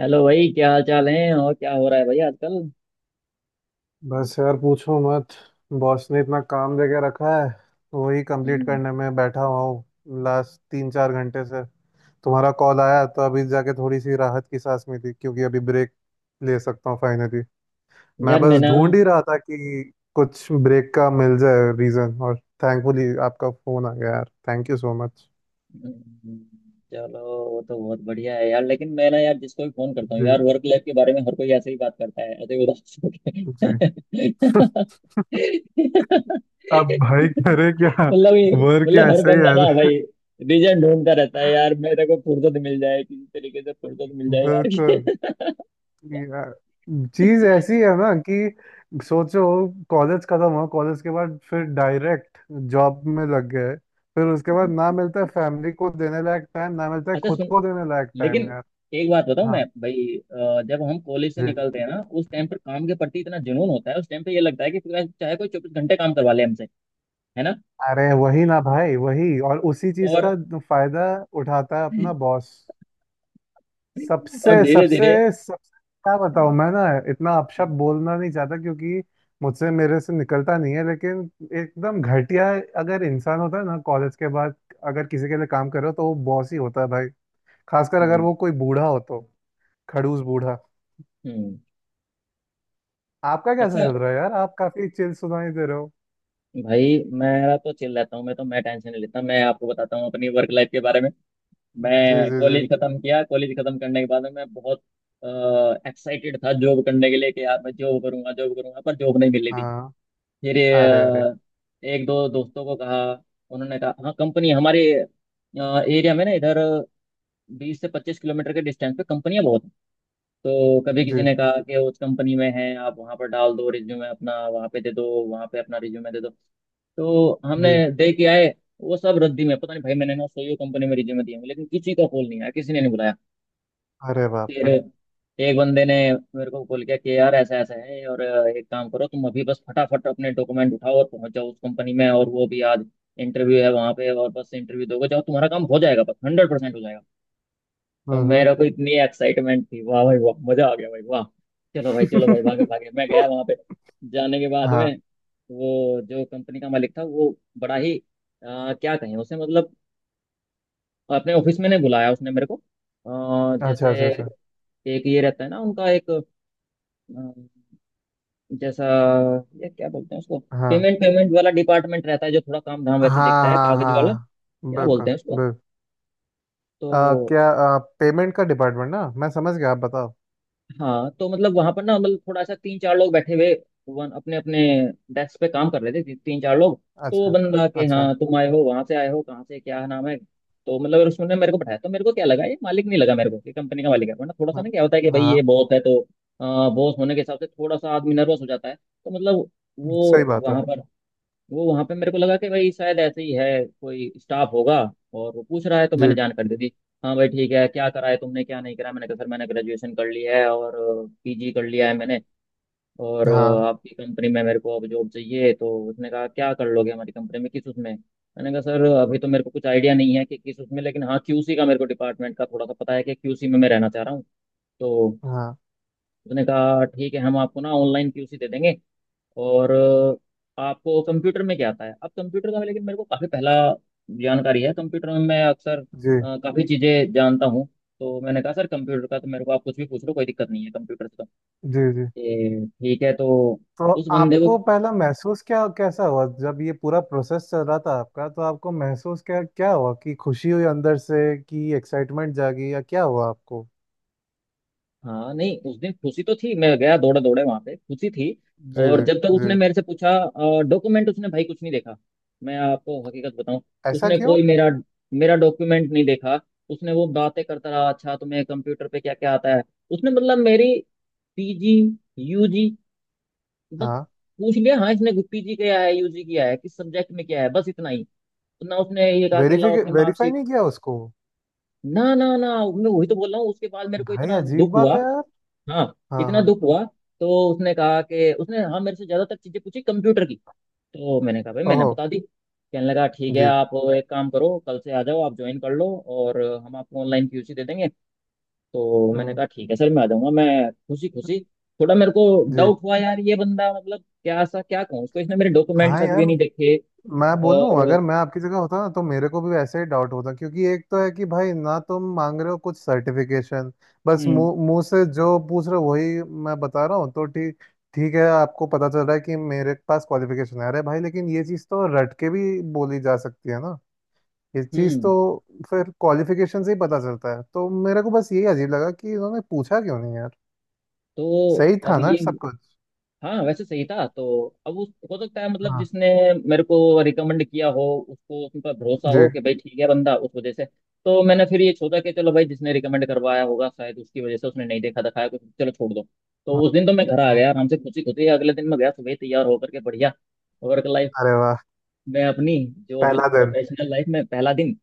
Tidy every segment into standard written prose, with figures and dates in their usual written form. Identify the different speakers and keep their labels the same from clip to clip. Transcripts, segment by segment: Speaker 1: Hello भाई, क्या हाल चाल है? और क्या हो रहा है भाई आजकल?
Speaker 2: बस यार पूछो मत। बॉस ने इतना काम दे के रखा है तो वही कंप्लीट
Speaker 1: हम्म।
Speaker 2: करने में बैठा हुआ हूँ लास्ट 3-4 घंटे से। तुम्हारा कॉल आया तो अभी जाके थोड़ी सी राहत की सांस में थी क्योंकि अभी ब्रेक ले सकता हूँ फाइनली। मैं
Speaker 1: यार मैं
Speaker 2: बस
Speaker 1: ना,
Speaker 2: ढूंढ ही रहा था कि कुछ ब्रेक का मिल जाए रीज़न, और थैंकफुली आपका फ़ोन आ गया यार। Thank you so much.
Speaker 1: हम्म, चलो। वो तो बहुत बढ़िया है यार, लेकिन मैं ना, यार जिसको भी फोन करता हूँ यार,
Speaker 2: जी।
Speaker 1: वर्क लाइफ के बारे में हर कोई ऐसे ही बात करता है, ऐसे ही उदास होके।
Speaker 2: जी। अब भाई करे क्या।
Speaker 1: मतलब ये,
Speaker 2: वर्क
Speaker 1: मतलब
Speaker 2: यहाँ
Speaker 1: हर
Speaker 2: सही
Speaker 1: बंदा ना
Speaker 2: है।
Speaker 1: भाई, रीजन ढूंढता रहता है यार, मेरे को फुर्सत मिल जाए, किसी तरीके से फुर्सत मिल जाए
Speaker 2: बिल्कुल।
Speaker 1: यार।
Speaker 2: यार चीज ऐसी है ना कि सोचो, कॉलेज खत्म हुआ, कॉलेज के बाद फिर डायरेक्ट जॉब में लग गए। फिर उसके बाद ना मिलता है फैमिली को देने लायक टाइम, ना मिलता है
Speaker 1: अच्छा
Speaker 2: खुद
Speaker 1: सुन,
Speaker 2: को देने लायक
Speaker 1: लेकिन
Speaker 2: टाइम यार।
Speaker 1: एक बात बताऊं मैं
Speaker 2: हाँ।
Speaker 1: भाई, जब हम कॉलेज से
Speaker 2: जी।
Speaker 1: निकलते हैं ना, उस टाइम पर काम के प्रति इतना जुनून होता है, उस टाइम पे ये लगता है कि पूरा चाहे कोई 24 घंटे काम करवा ले हमसे, है ना?
Speaker 2: अरे वही ना भाई, वही। और उसी चीज
Speaker 1: और
Speaker 2: का फायदा उठाता है अपना बॉस।
Speaker 1: और
Speaker 2: सबसे
Speaker 1: धीरे
Speaker 2: सबसे
Speaker 1: धीरे।
Speaker 2: सबसे क्या बताऊं, मैं ना इतना अपशब्द बोलना नहीं चाहता क्योंकि मुझसे मेरे से निकलता नहीं है। लेकिन एकदम घटिया अगर इंसान होता है ना कॉलेज के बाद, अगर किसी के लिए काम कर रहे हो तो वो बॉस ही होता है भाई। खासकर अगर
Speaker 1: हम्म।
Speaker 2: वो कोई बूढ़ा हो तो, खड़ूस बूढ़ा।
Speaker 1: हम्म।
Speaker 2: आपका कैसे
Speaker 1: अच्छा
Speaker 2: चल रहा है यार? आप काफी चिल सुनाई दे रहे हो।
Speaker 1: भाई, मेरा तो चिल रहता हूँ, मैं तो मैं टेंशन नहीं लेता। मैं आपको बताता हूँ अपनी वर्क लाइफ के बारे में।
Speaker 2: जी
Speaker 1: मैं
Speaker 2: जी जी।
Speaker 1: कॉलेज खत्म किया, कॉलेज खत्म करने के बाद में मैं बहुत एक्साइटेड था जॉब करने के लिए कि यार मैं जॉब करूंगा, जॉब करूंगा, पर जॉब नहीं मिल रही।
Speaker 2: हाँ।
Speaker 1: फिर
Speaker 2: अरे अरे।
Speaker 1: एक दो दोस्तों को कहा, उन्होंने कहा हाँ कंपनी हमारे एरिया में ना, इधर 20 से 25 किलोमीटर के डिस्टेंस पे कंपनियां बहुत हैं। तो कभी किसी
Speaker 2: जी
Speaker 1: ने कहा कि उस कंपनी में है, आप वहाँ पर डाल दो रिज्यूमे अपना, वहाँ पे दे दो, वहाँ पे अपना रिज्यूमे दे दो। तो हमने
Speaker 2: जी।
Speaker 1: दे के आए। वो सब रद्दी में, पता नहीं भाई, मैंने ना सही कंपनी में रिज्यूमे दिए हैं, लेकिन किसी का कॉल नहीं आया, किसी ने नहीं बुलाया।
Speaker 2: अरे बाप
Speaker 1: फिर
Speaker 2: रे।
Speaker 1: एक बंदे ने मेरे को बोल किया कि यार ऐसा ऐसा है, और एक काम करो, तुम अभी बस फटाफट अपने डॉक्यूमेंट उठाओ और पहुंच जाओ उस कंपनी में, और वो भी आज इंटरव्यू है वहां पे, और बस इंटरव्यू दोगे, जाओ, तुम्हारा काम हो जाएगा, बस 100% हो जाएगा। तो
Speaker 2: हम्म।
Speaker 1: मेरे को इतनी एक्साइटमेंट थी, वाह भाई वाह, मजा आ गया भाई वाह। चलो भाई चलो भाई, भागे
Speaker 2: हम्म।
Speaker 1: भागे मैं गया वहां पे। जाने के बाद
Speaker 2: हाँ।
Speaker 1: में, वो जो कंपनी का मालिक था, वो बड़ा ही, क्या कहें उसे, मतलब अपने ऑफिस में नहीं बुलाया उसने मेरे को।
Speaker 2: अच्छा अच्छा
Speaker 1: जैसे
Speaker 2: अच्छा।
Speaker 1: एक ये रहता है ना उनका एक, अम, जैसा, ये क्या बोलते हैं उसको,
Speaker 2: हाँ
Speaker 1: पेमेंट पेमेंट वाला डिपार्टमेंट रहता है जो थोड़ा काम धाम वैसे
Speaker 2: हाँ
Speaker 1: देखता है,
Speaker 2: हाँ
Speaker 1: कागज वाला।
Speaker 2: हाँ,
Speaker 1: क्या
Speaker 2: बिल्कुल।
Speaker 1: बोलते हैं उसको?
Speaker 2: बिल्कुल।
Speaker 1: तो
Speaker 2: क्या पेमेंट का डिपार्टमेंट ना, मैं समझ गया, आप बताओ।
Speaker 1: हाँ, तो मतलब वहां पर ना, मतलब थोड़ा सा तीन चार लोग बैठे हुए, वन अपने अपने डेस्क पे काम कर रहे थे, तीन चार लोग। तो वो
Speaker 2: अच्छा।
Speaker 1: बंदा के,
Speaker 2: अच्छा।
Speaker 1: हाँ तुम आए हो, वहां से आए हो, कहाँ से, क्या नाम है, तो मतलब उसने मेरे को बताया। तो मेरे को क्या लगा, ये मालिक नहीं लगा मेरे को कि कंपनी का मालिक है, वरना थोड़ा सा
Speaker 2: हाँ।
Speaker 1: ना क्या होता है कि भाई
Speaker 2: हाँ,
Speaker 1: ये बॉस है तो बॉस होने के हिसाब से थोड़ा सा आदमी नर्वस हो जाता है। तो मतलब
Speaker 2: सही
Speaker 1: वो
Speaker 2: बात है।
Speaker 1: वहां पर वो वहां पे मेरे को लगा कि भाई शायद ऐसे ही है, कोई स्टाफ होगा, और वो पूछ रहा है, तो मैंने
Speaker 2: जी।
Speaker 1: जानकारी दे दी। हाँ भाई, ठीक है क्या करा है तुमने, क्या नहीं करा, मैंने कहा सर मैंने ग्रेजुएशन कर लिया है और पीजी कर लिया है मैंने, और
Speaker 2: हाँ।
Speaker 1: आपकी कंपनी में मेरे को अब जॉब चाहिए। तो उसने कहा क्या कर लोगे हमारी कंपनी में, किस उसमें? मैंने कहा सर अभी तो मेरे को कुछ आइडिया नहीं है कि किस उसमें, लेकिन हाँ क्यूसी का, मेरे को डिपार्टमेंट का थोड़ा सा पता है कि क्यूसी में मैं रहना चाह रहा हूँ। तो
Speaker 2: हाँ।
Speaker 1: उसने कहा ठीक है, हम आपको ना ऑनलाइन क्यूसी दे देंगे, और आपको कंप्यूटर में क्या आता है? अब कंप्यूटर का लेकिन मेरे को काफ़ी पहला जानकारी है, कंप्यूटर में मैं अक्सर
Speaker 2: जी
Speaker 1: काफ़ी चीज़ें जानता हूँ। तो मैंने कहा सर कंप्यूटर का तो मेरे को आप कुछ भी पूछ लो, कोई दिक्कत नहीं है कंप्यूटर से। तो
Speaker 2: जी जी।
Speaker 1: ये ठीक है तो,
Speaker 2: तो
Speaker 1: उस बंदे को,
Speaker 2: आपको पहला महसूस क्या कैसा हुआ जब ये पूरा प्रोसेस चल रहा था आपका, तो आपको महसूस क्या क्या हुआ? कि खुशी हुई अंदर से, कि एक्साइटमेंट जागी, या क्या हुआ आपको?
Speaker 1: हाँ नहीं उस दिन खुशी तो थी, मैं गया दौड़े दौड़े वहां पे, खुशी थी।
Speaker 2: जी
Speaker 1: और
Speaker 2: जी
Speaker 1: जब तक
Speaker 2: जी।
Speaker 1: उसने मेरे से पूछा डॉक्यूमेंट, उसने भाई कुछ नहीं देखा। मैं आपको हकीकत बताऊं,
Speaker 2: ऐसा
Speaker 1: उसने
Speaker 2: क्यों?
Speaker 1: कोई मेरा मेरा डॉक्यूमेंट नहीं देखा। उसने वो बातें करता रहा, अच्छा तुम्हें कंप्यूटर पे क्या क्या आता है। उसने मतलब मेरी पीजी, यूजी, बस
Speaker 2: हाँ।
Speaker 1: पूछ लिया, हाँ इसने पीजी किया है, यूजी किया है, किस सब्जेक्ट में किया है, बस इतना ही। तो ना उसने ये कहा कि लाओ
Speaker 2: वेरीफाई
Speaker 1: अपने
Speaker 2: वेरीफाई
Speaker 1: मार्कशीट,
Speaker 2: नहीं किया उसको?
Speaker 1: ना ना ना, मैं वही तो बोल रहा हूँ। उसके बाद मेरे को
Speaker 2: भाई
Speaker 1: इतना
Speaker 2: अजीब
Speaker 1: दुख
Speaker 2: बात
Speaker 1: हुआ,
Speaker 2: है यार।
Speaker 1: हाँ,
Speaker 2: हाँ
Speaker 1: इतना
Speaker 2: हाँ।
Speaker 1: दुख हुआ। तो उसने कहा कि, उसने हाँ मेरे से ज्यादातर चीजें पूछी कंप्यूटर की, तो मैंने कहा भाई मैंने
Speaker 2: ओहो।
Speaker 1: बता दी, कहने लगा ठीक है
Speaker 2: जी।
Speaker 1: आप एक काम करो कल से आ जाओ, आप ज्वाइन कर लो, और हम आपको ऑनलाइन क्यूसी दे देंगे। तो मैंने
Speaker 2: हम्म,
Speaker 1: कहा ठीक है सर, मैं आ जाऊंगा मैं, खुशी खुशी। थोड़ा मेरे को
Speaker 2: जी।
Speaker 1: डाउट हुआ यार, ये बंदा मतलब क्या सा क्या कहूँ उसको, इसने मेरे डॉक्यूमेंट
Speaker 2: हाँ
Speaker 1: तक
Speaker 2: यार।
Speaker 1: भी नहीं देखे।
Speaker 2: मैं बोलूँ,
Speaker 1: और
Speaker 2: अगर मैं आपकी जगह होता ना तो मेरे को भी वैसे ही डाउट होता क्योंकि एक तो है कि भाई ना, तुम मांग रहे हो कुछ सर्टिफिकेशन। बस
Speaker 1: हम्म।
Speaker 2: मुंह मुंह से जो पूछ रहे हो वही मैं बता रहा हूँ तो ठीक। ठीक है, आपको पता चल रहा है कि मेरे पास क्वालिफिकेशन है, अरे भाई, लेकिन ये चीज़ तो रट के भी बोली जा सकती है ना। ये चीज़
Speaker 1: हम्म।
Speaker 2: तो फिर क्वालिफिकेशन से ही पता चलता है। तो मेरे को बस यही अजीब लगा कि इन्होंने पूछा क्यों नहीं यार।
Speaker 1: तो
Speaker 2: सही
Speaker 1: अब
Speaker 2: था ना
Speaker 1: ये,
Speaker 2: सब कुछ?
Speaker 1: हाँ वैसे सही था, तो अब उस हो सकता है, मतलब
Speaker 2: हाँ।
Speaker 1: जिसने मेरे को रिकमेंड किया हो उसको, उस पर भरोसा
Speaker 2: जी।
Speaker 1: हो कि भाई ठीक है बंदा, उस वजह से। तो मैंने फिर ये सोचा कि चलो भाई जिसने रिकमेंड करवाया होगा शायद उसकी वजह से उसने नहीं देखा दिखाया कुछ, चलो छोड़ दो। तो
Speaker 2: हम्म,
Speaker 1: उस दिन तो मैं घर आ
Speaker 2: हम्म,
Speaker 1: गया आराम से, खुशी खुशी। अगले दिन मैं गया सुबह तैयार होकर के, बढ़िया वर्क लाइफ
Speaker 2: अरे वाह।
Speaker 1: में अपनी, जो
Speaker 2: पहला दिन।
Speaker 1: प्रोफेशनल लाइफ में पहला दिन।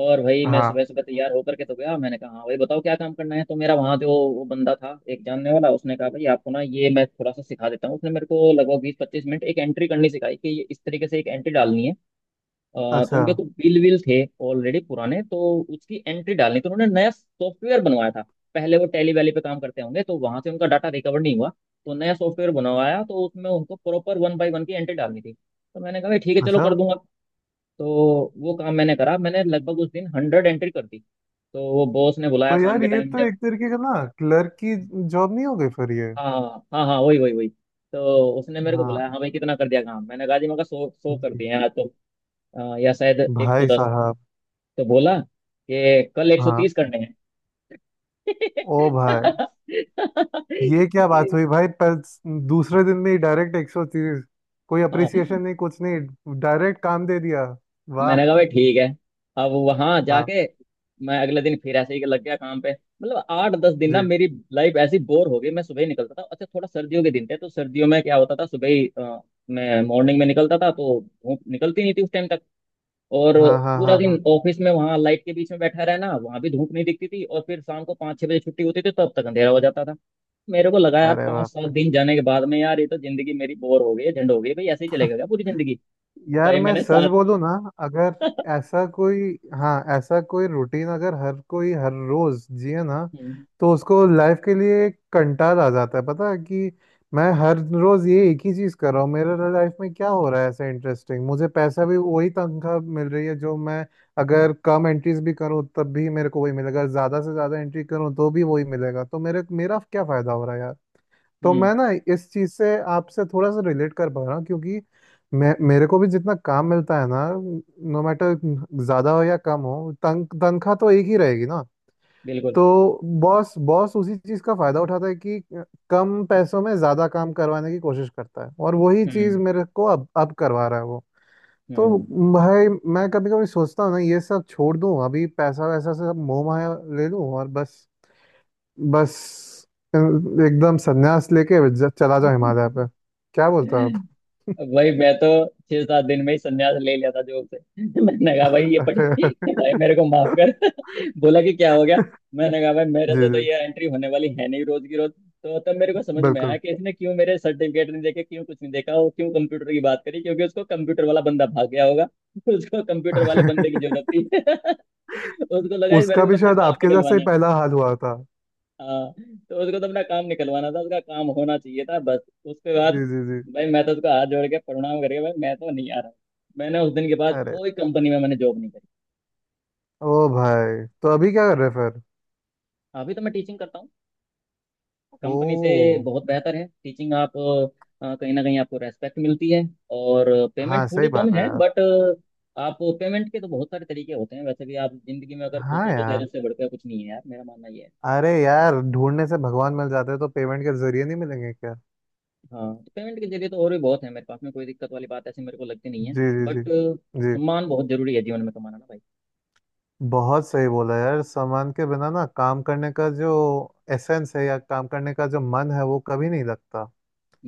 Speaker 1: और भाई मैं
Speaker 2: हाँ।
Speaker 1: सुबह सुबह तैयार होकर के तो गया, मैंने कहा हाँ भाई बताओ क्या काम करना है? तो मेरा वहाँ जो वो बंदा था एक जानने वाला, उसने कहा भाई आपको ना ये मैं थोड़ा सा सिखा देता हूँ। उसने मेरे को लगभग 20-25 मिनट एक एंट्री करनी सिखाई कि ये इस तरीके से एक एंट्री डालनी है। अ, तो
Speaker 2: अच्छा।
Speaker 1: उनके तो बिल विल थे ऑलरेडी पुराने, तो उसकी एंट्री डालनी, तो उन्होंने नया सॉफ्टवेयर बनवाया था। पहले वो टैली वैली पे काम करते होंगे, तो वहां से उनका डाटा रिकवर नहीं हुआ। तो नया सॉफ्टवेयर बनवाया, तो उसमें उनको प्रॉपर वन बाई वन की एंट्री डालनी थी। तो मैंने कहा भाई ठीक है, चलो
Speaker 2: अच्छा।
Speaker 1: कर दूंगा। तो वो काम मैंने करा, मैंने लगभग उस दिन 100 एंट्री कर दी। तो वो बॉस ने बुलाया
Speaker 2: तो
Speaker 1: शाम
Speaker 2: यार
Speaker 1: के
Speaker 2: ये
Speaker 1: टाइम,
Speaker 2: तो
Speaker 1: जब
Speaker 2: एक तरीके का ना, क्लर्क की जॉब नहीं हो गई फिर ये?
Speaker 1: हाँ हाँ हाँ, वही वही वही। तो उसने मेरे को
Speaker 2: हाँ।
Speaker 1: बुलाया, हाँ भाई कितना कर दिया काम? मैंने कहा जी, मैं कहा सौ सौ कर
Speaker 2: जी।
Speaker 1: दिए हैं आज तो, या शायद एक सौ
Speaker 2: भाई
Speaker 1: दस
Speaker 2: साहब।
Speaker 1: तो बोला कि कल एक सौ
Speaker 2: हाँ।
Speaker 1: तीस करने हैं।
Speaker 2: ओ भाई। ये क्या बात हुई भाई पर? दूसरे दिन में ही डायरेक्ट 130। कोई
Speaker 1: हाँ,
Speaker 2: अप्रिसिएशन नहीं, कुछ नहीं, डायरेक्ट काम दे दिया। वाह।
Speaker 1: मैंने कहा भाई ठीक है। अब वहां
Speaker 2: हाँ।
Speaker 1: जाके, मैं अगले दिन फिर ऐसे ही लग गया काम पे। मतलब 8-10 दिन ना
Speaker 2: जी।
Speaker 1: मेरी लाइफ ऐसी बोर हो गई, मैं सुबह ही निकलता था, अच्छा थोड़ा सर्दियों के दिन थे, तो सर्दियों में क्या होता था, सुबह ही मैं मॉर्निंग में निकलता था तो धूप निकलती नहीं थी उस टाइम तक, और
Speaker 2: हाँ हाँ
Speaker 1: पूरा
Speaker 2: हाँ
Speaker 1: दिन
Speaker 2: हाँ।
Speaker 1: ऑफिस में वहां लाइट के बीच में बैठा रहना, वहां भी धूप नहीं दिखती थी, और फिर शाम को 5-6 बजे छुट्टी होती थी, तब तक अंधेरा हो जाता था। मेरे को लगा यार,
Speaker 2: अरे
Speaker 1: पाँच सात
Speaker 2: वाह।
Speaker 1: दिन जाने के बाद में, यार ये तो जिंदगी मेरी बोर हो गई है, झंड हो गई है भाई, ऐसे ही चलेगा क्या पूरी जिंदगी?
Speaker 2: यार
Speaker 1: भाई
Speaker 2: मैं
Speaker 1: मैंने
Speaker 2: सच
Speaker 1: सात,
Speaker 2: बोलूं ना, अगर ऐसा कोई, हाँ, ऐसा कोई रूटीन अगर हर कोई हर रोज जिए ना,
Speaker 1: हम्म।
Speaker 2: तो उसको लाइफ के लिए एक कंटाल आ जाता है। पता है, कि मैं हर रोज ये एक ही चीज कर रहा हूँ। मेरे लाइफ में क्या हो रहा है ऐसा इंटरेस्टिंग? मुझे पैसा भी वही तनख्वाह मिल रही है जो मैं, अगर कम एंट्रीज भी करूँ तब भी मेरे को वही मिलेगा, ज्यादा से ज्यादा एंट्री करूँ तो भी वही मिलेगा। तो मेरे मेरा क्या फायदा हो रहा है यार। तो
Speaker 1: हम्म।
Speaker 2: मैं ना इस चीज से आपसे थोड़ा सा रिलेट कर पा रहा हूँ क्योंकि मैं, मेरे को भी जितना काम मिलता है ना, नो मैटर ज्यादा हो या कम हो, तनख्वाह तो एक ही रहेगी ना।
Speaker 1: बिल्कुल।
Speaker 2: तो बॉस बॉस उसी चीज का फायदा उठाता है कि कम पैसों में ज्यादा काम करवाने की कोशिश करता है, और वही चीज
Speaker 1: हम्म।
Speaker 2: मेरे को अब करवा रहा है वो। तो
Speaker 1: हम्म।
Speaker 2: भाई, मैं कभी कभी सोचता हूँ ना, ये सब छोड़ दूँ अभी, पैसा वैसा से सब मोह माया ले लूँ, और बस बस एकदम संन्यास लेके चला जाओ हिमालय पे। क्या बोलते हो आप?
Speaker 1: वही मैं तो 6-7 दिन में ही संन्यास ले लिया था जॉब से। मैंने कहा भाई ये पढ़ी, भाई
Speaker 2: अरे।
Speaker 1: मेरे को माफ कर। बोला कि क्या हो गया? मैंने कहा भाई मेरे
Speaker 2: जी
Speaker 1: से तो
Speaker 2: जी।
Speaker 1: ये एंट्री होने वाली है नहीं रोज की रोज। तो तब मेरे को समझ में आया
Speaker 2: बिल्कुल।
Speaker 1: कि इसने क्यों मेरे सर्टिफिकेट नहीं देखे, क्यों कुछ नहीं देखा, और क्यों कंप्यूटर की बात करी, क्योंकि उसको कंप्यूटर वाला बंदा भाग गया होगा। उसको कंप्यूटर वाले बंदे की जरूरत थी। उसको लगा इस मेरे
Speaker 2: उसका
Speaker 1: को तो
Speaker 2: भी
Speaker 1: अपना
Speaker 2: शायद
Speaker 1: काम
Speaker 2: आपके जैसे ही
Speaker 1: निकलवाना,
Speaker 2: पहला हाल हुआ था।
Speaker 1: हाँ, तो उसको तो अपना काम निकलवाना था, उसका काम होना चाहिए था बस। उसके बाद
Speaker 2: जी जी जी।
Speaker 1: भाई मैं तो उसका हाथ जोड़ के प्रणाम करके, भाई मैं तो नहीं आ रहा। मैंने उस दिन के बाद
Speaker 2: अरे।
Speaker 1: कोई कंपनी में मैंने जॉब नहीं करी।
Speaker 2: ओ भाई, तो अभी क्या कर रहे फिर?
Speaker 1: अभी तो मैं टीचिंग करता हूँ,
Speaker 2: ओ।
Speaker 1: कंपनी से बहुत बेहतर है टीचिंग। आप कहीं ना कहीं आपको रेस्पेक्ट मिलती है, और पेमेंट
Speaker 2: हाँ सही
Speaker 1: थोड़ी कम
Speaker 2: बात है
Speaker 1: है
Speaker 2: यार।
Speaker 1: बट, आप पेमेंट के तो बहुत सारे तरीके होते हैं। वैसे भी आप जिंदगी में अगर खुश
Speaker 2: हाँ
Speaker 1: हो तो शायद
Speaker 2: यार।
Speaker 1: उससे बढ़कर कुछ नहीं है यार, मेरा मानना ये है।
Speaker 2: अरे यार, ढूंढने से भगवान मिल जाते हैं, तो पेमेंट के जरिए नहीं मिलेंगे क्या?
Speaker 1: हाँ, पेमेंट के जरिए तो और भी बहुत है मेरे पास में, कोई दिक्कत वाली बात ऐसी मेरे को लगती नहीं है,
Speaker 2: जी जी जी।
Speaker 1: बट
Speaker 2: जी।
Speaker 1: सम्मान बहुत जरूरी है जीवन में कमाना ना भाई।
Speaker 2: बहुत सही बोला यार। सामान के बिना ना, काम करने का जो एसेंस है, या काम करने का जो मन है, वो कभी नहीं लगता।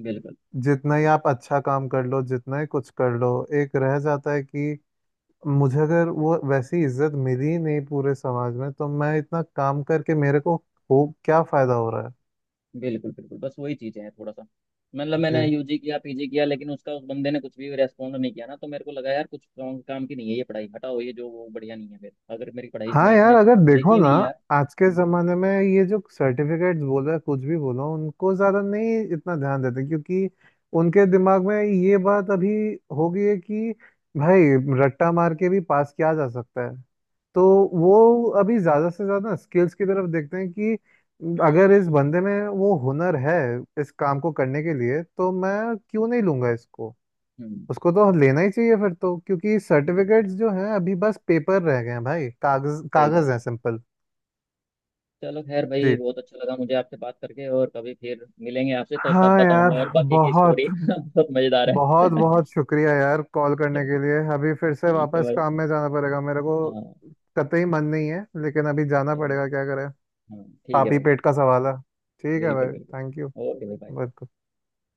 Speaker 1: बिल्कुल
Speaker 2: जितना ही आप अच्छा काम कर लो, जितना ही कुछ कर लो, एक रह जाता है कि, मुझे अगर वो वैसी इज्जत मिली ही नहीं पूरे समाज में, तो मैं इतना काम करके मेरे को हो, क्या फायदा हो रहा
Speaker 1: बिल्कुल बिल्कुल, बस वही चीज़ है थोड़ा सा, मतलब
Speaker 2: है?
Speaker 1: मैंने यूजी किया पीजी किया, लेकिन उसका उस बंदे ने कुछ भी रेस्पॉन्ड नहीं किया ना, तो मेरे को लगा यार कुछ काम, काम की नहीं है ये पढ़ाई, हटाओ ये जो वो बढ़िया नहीं है, फिर अगर मेरी पढ़ाई
Speaker 2: हाँ
Speaker 1: इसमें
Speaker 2: यार।
Speaker 1: इसने
Speaker 2: अगर देखो
Speaker 1: देखी
Speaker 2: ना,
Speaker 1: नहीं यार।
Speaker 2: आज के
Speaker 1: हम्म।
Speaker 2: जमाने में ये जो सर्टिफिकेट्स बोलो या कुछ भी बोलो, उनको ज्यादा नहीं, इतना ध्यान देते क्योंकि उनके दिमाग में ये बात अभी हो गई है कि भाई, रट्टा मार के भी पास किया जा सकता है। तो वो अभी ज्यादा से ज्यादा स्किल्स की तरफ देखते हैं कि अगर इस बंदे में वो हुनर है इस काम को करने के लिए, तो मैं क्यों नहीं लूंगा इसको?
Speaker 1: हम्म,
Speaker 2: उसको तो लेना ही चाहिए फिर तो, क्योंकि
Speaker 1: बिल्कुल,
Speaker 2: सर्टिफिकेट्स जो हैं अभी बस पेपर रह गए हैं भाई। कागज
Speaker 1: सही बात
Speaker 2: कागज है,
Speaker 1: है।
Speaker 2: सिंपल।
Speaker 1: चलो खैर भाई,
Speaker 2: जी।
Speaker 1: बहुत अच्छा लगा मुझे आपसे बात करके, और कभी फिर मिलेंगे आपसे तो तब
Speaker 2: हाँ
Speaker 1: बताऊंगा
Speaker 2: यार।
Speaker 1: और बाकी की
Speaker 2: बहुत
Speaker 1: स्टोरी। बहुत मजेदार है।
Speaker 2: बहुत बहुत शुक्रिया यार, कॉल करने के लिए। अभी फिर से
Speaker 1: ठीक है
Speaker 2: वापस
Speaker 1: भाई।
Speaker 2: काम में जाना पड़ेगा मेरे को।
Speaker 1: हाँ,
Speaker 2: कतई मन नहीं है लेकिन अभी जाना
Speaker 1: चलो,
Speaker 2: पड़ेगा, क्या करें।
Speaker 1: हाँ ठीक है
Speaker 2: पापी
Speaker 1: भाई।
Speaker 2: पेट का सवाल है। ठीक है
Speaker 1: बिल्कुल
Speaker 2: भाई।
Speaker 1: बिल्कुल,
Speaker 2: थैंक
Speaker 1: ओके भाई bye।
Speaker 2: यू।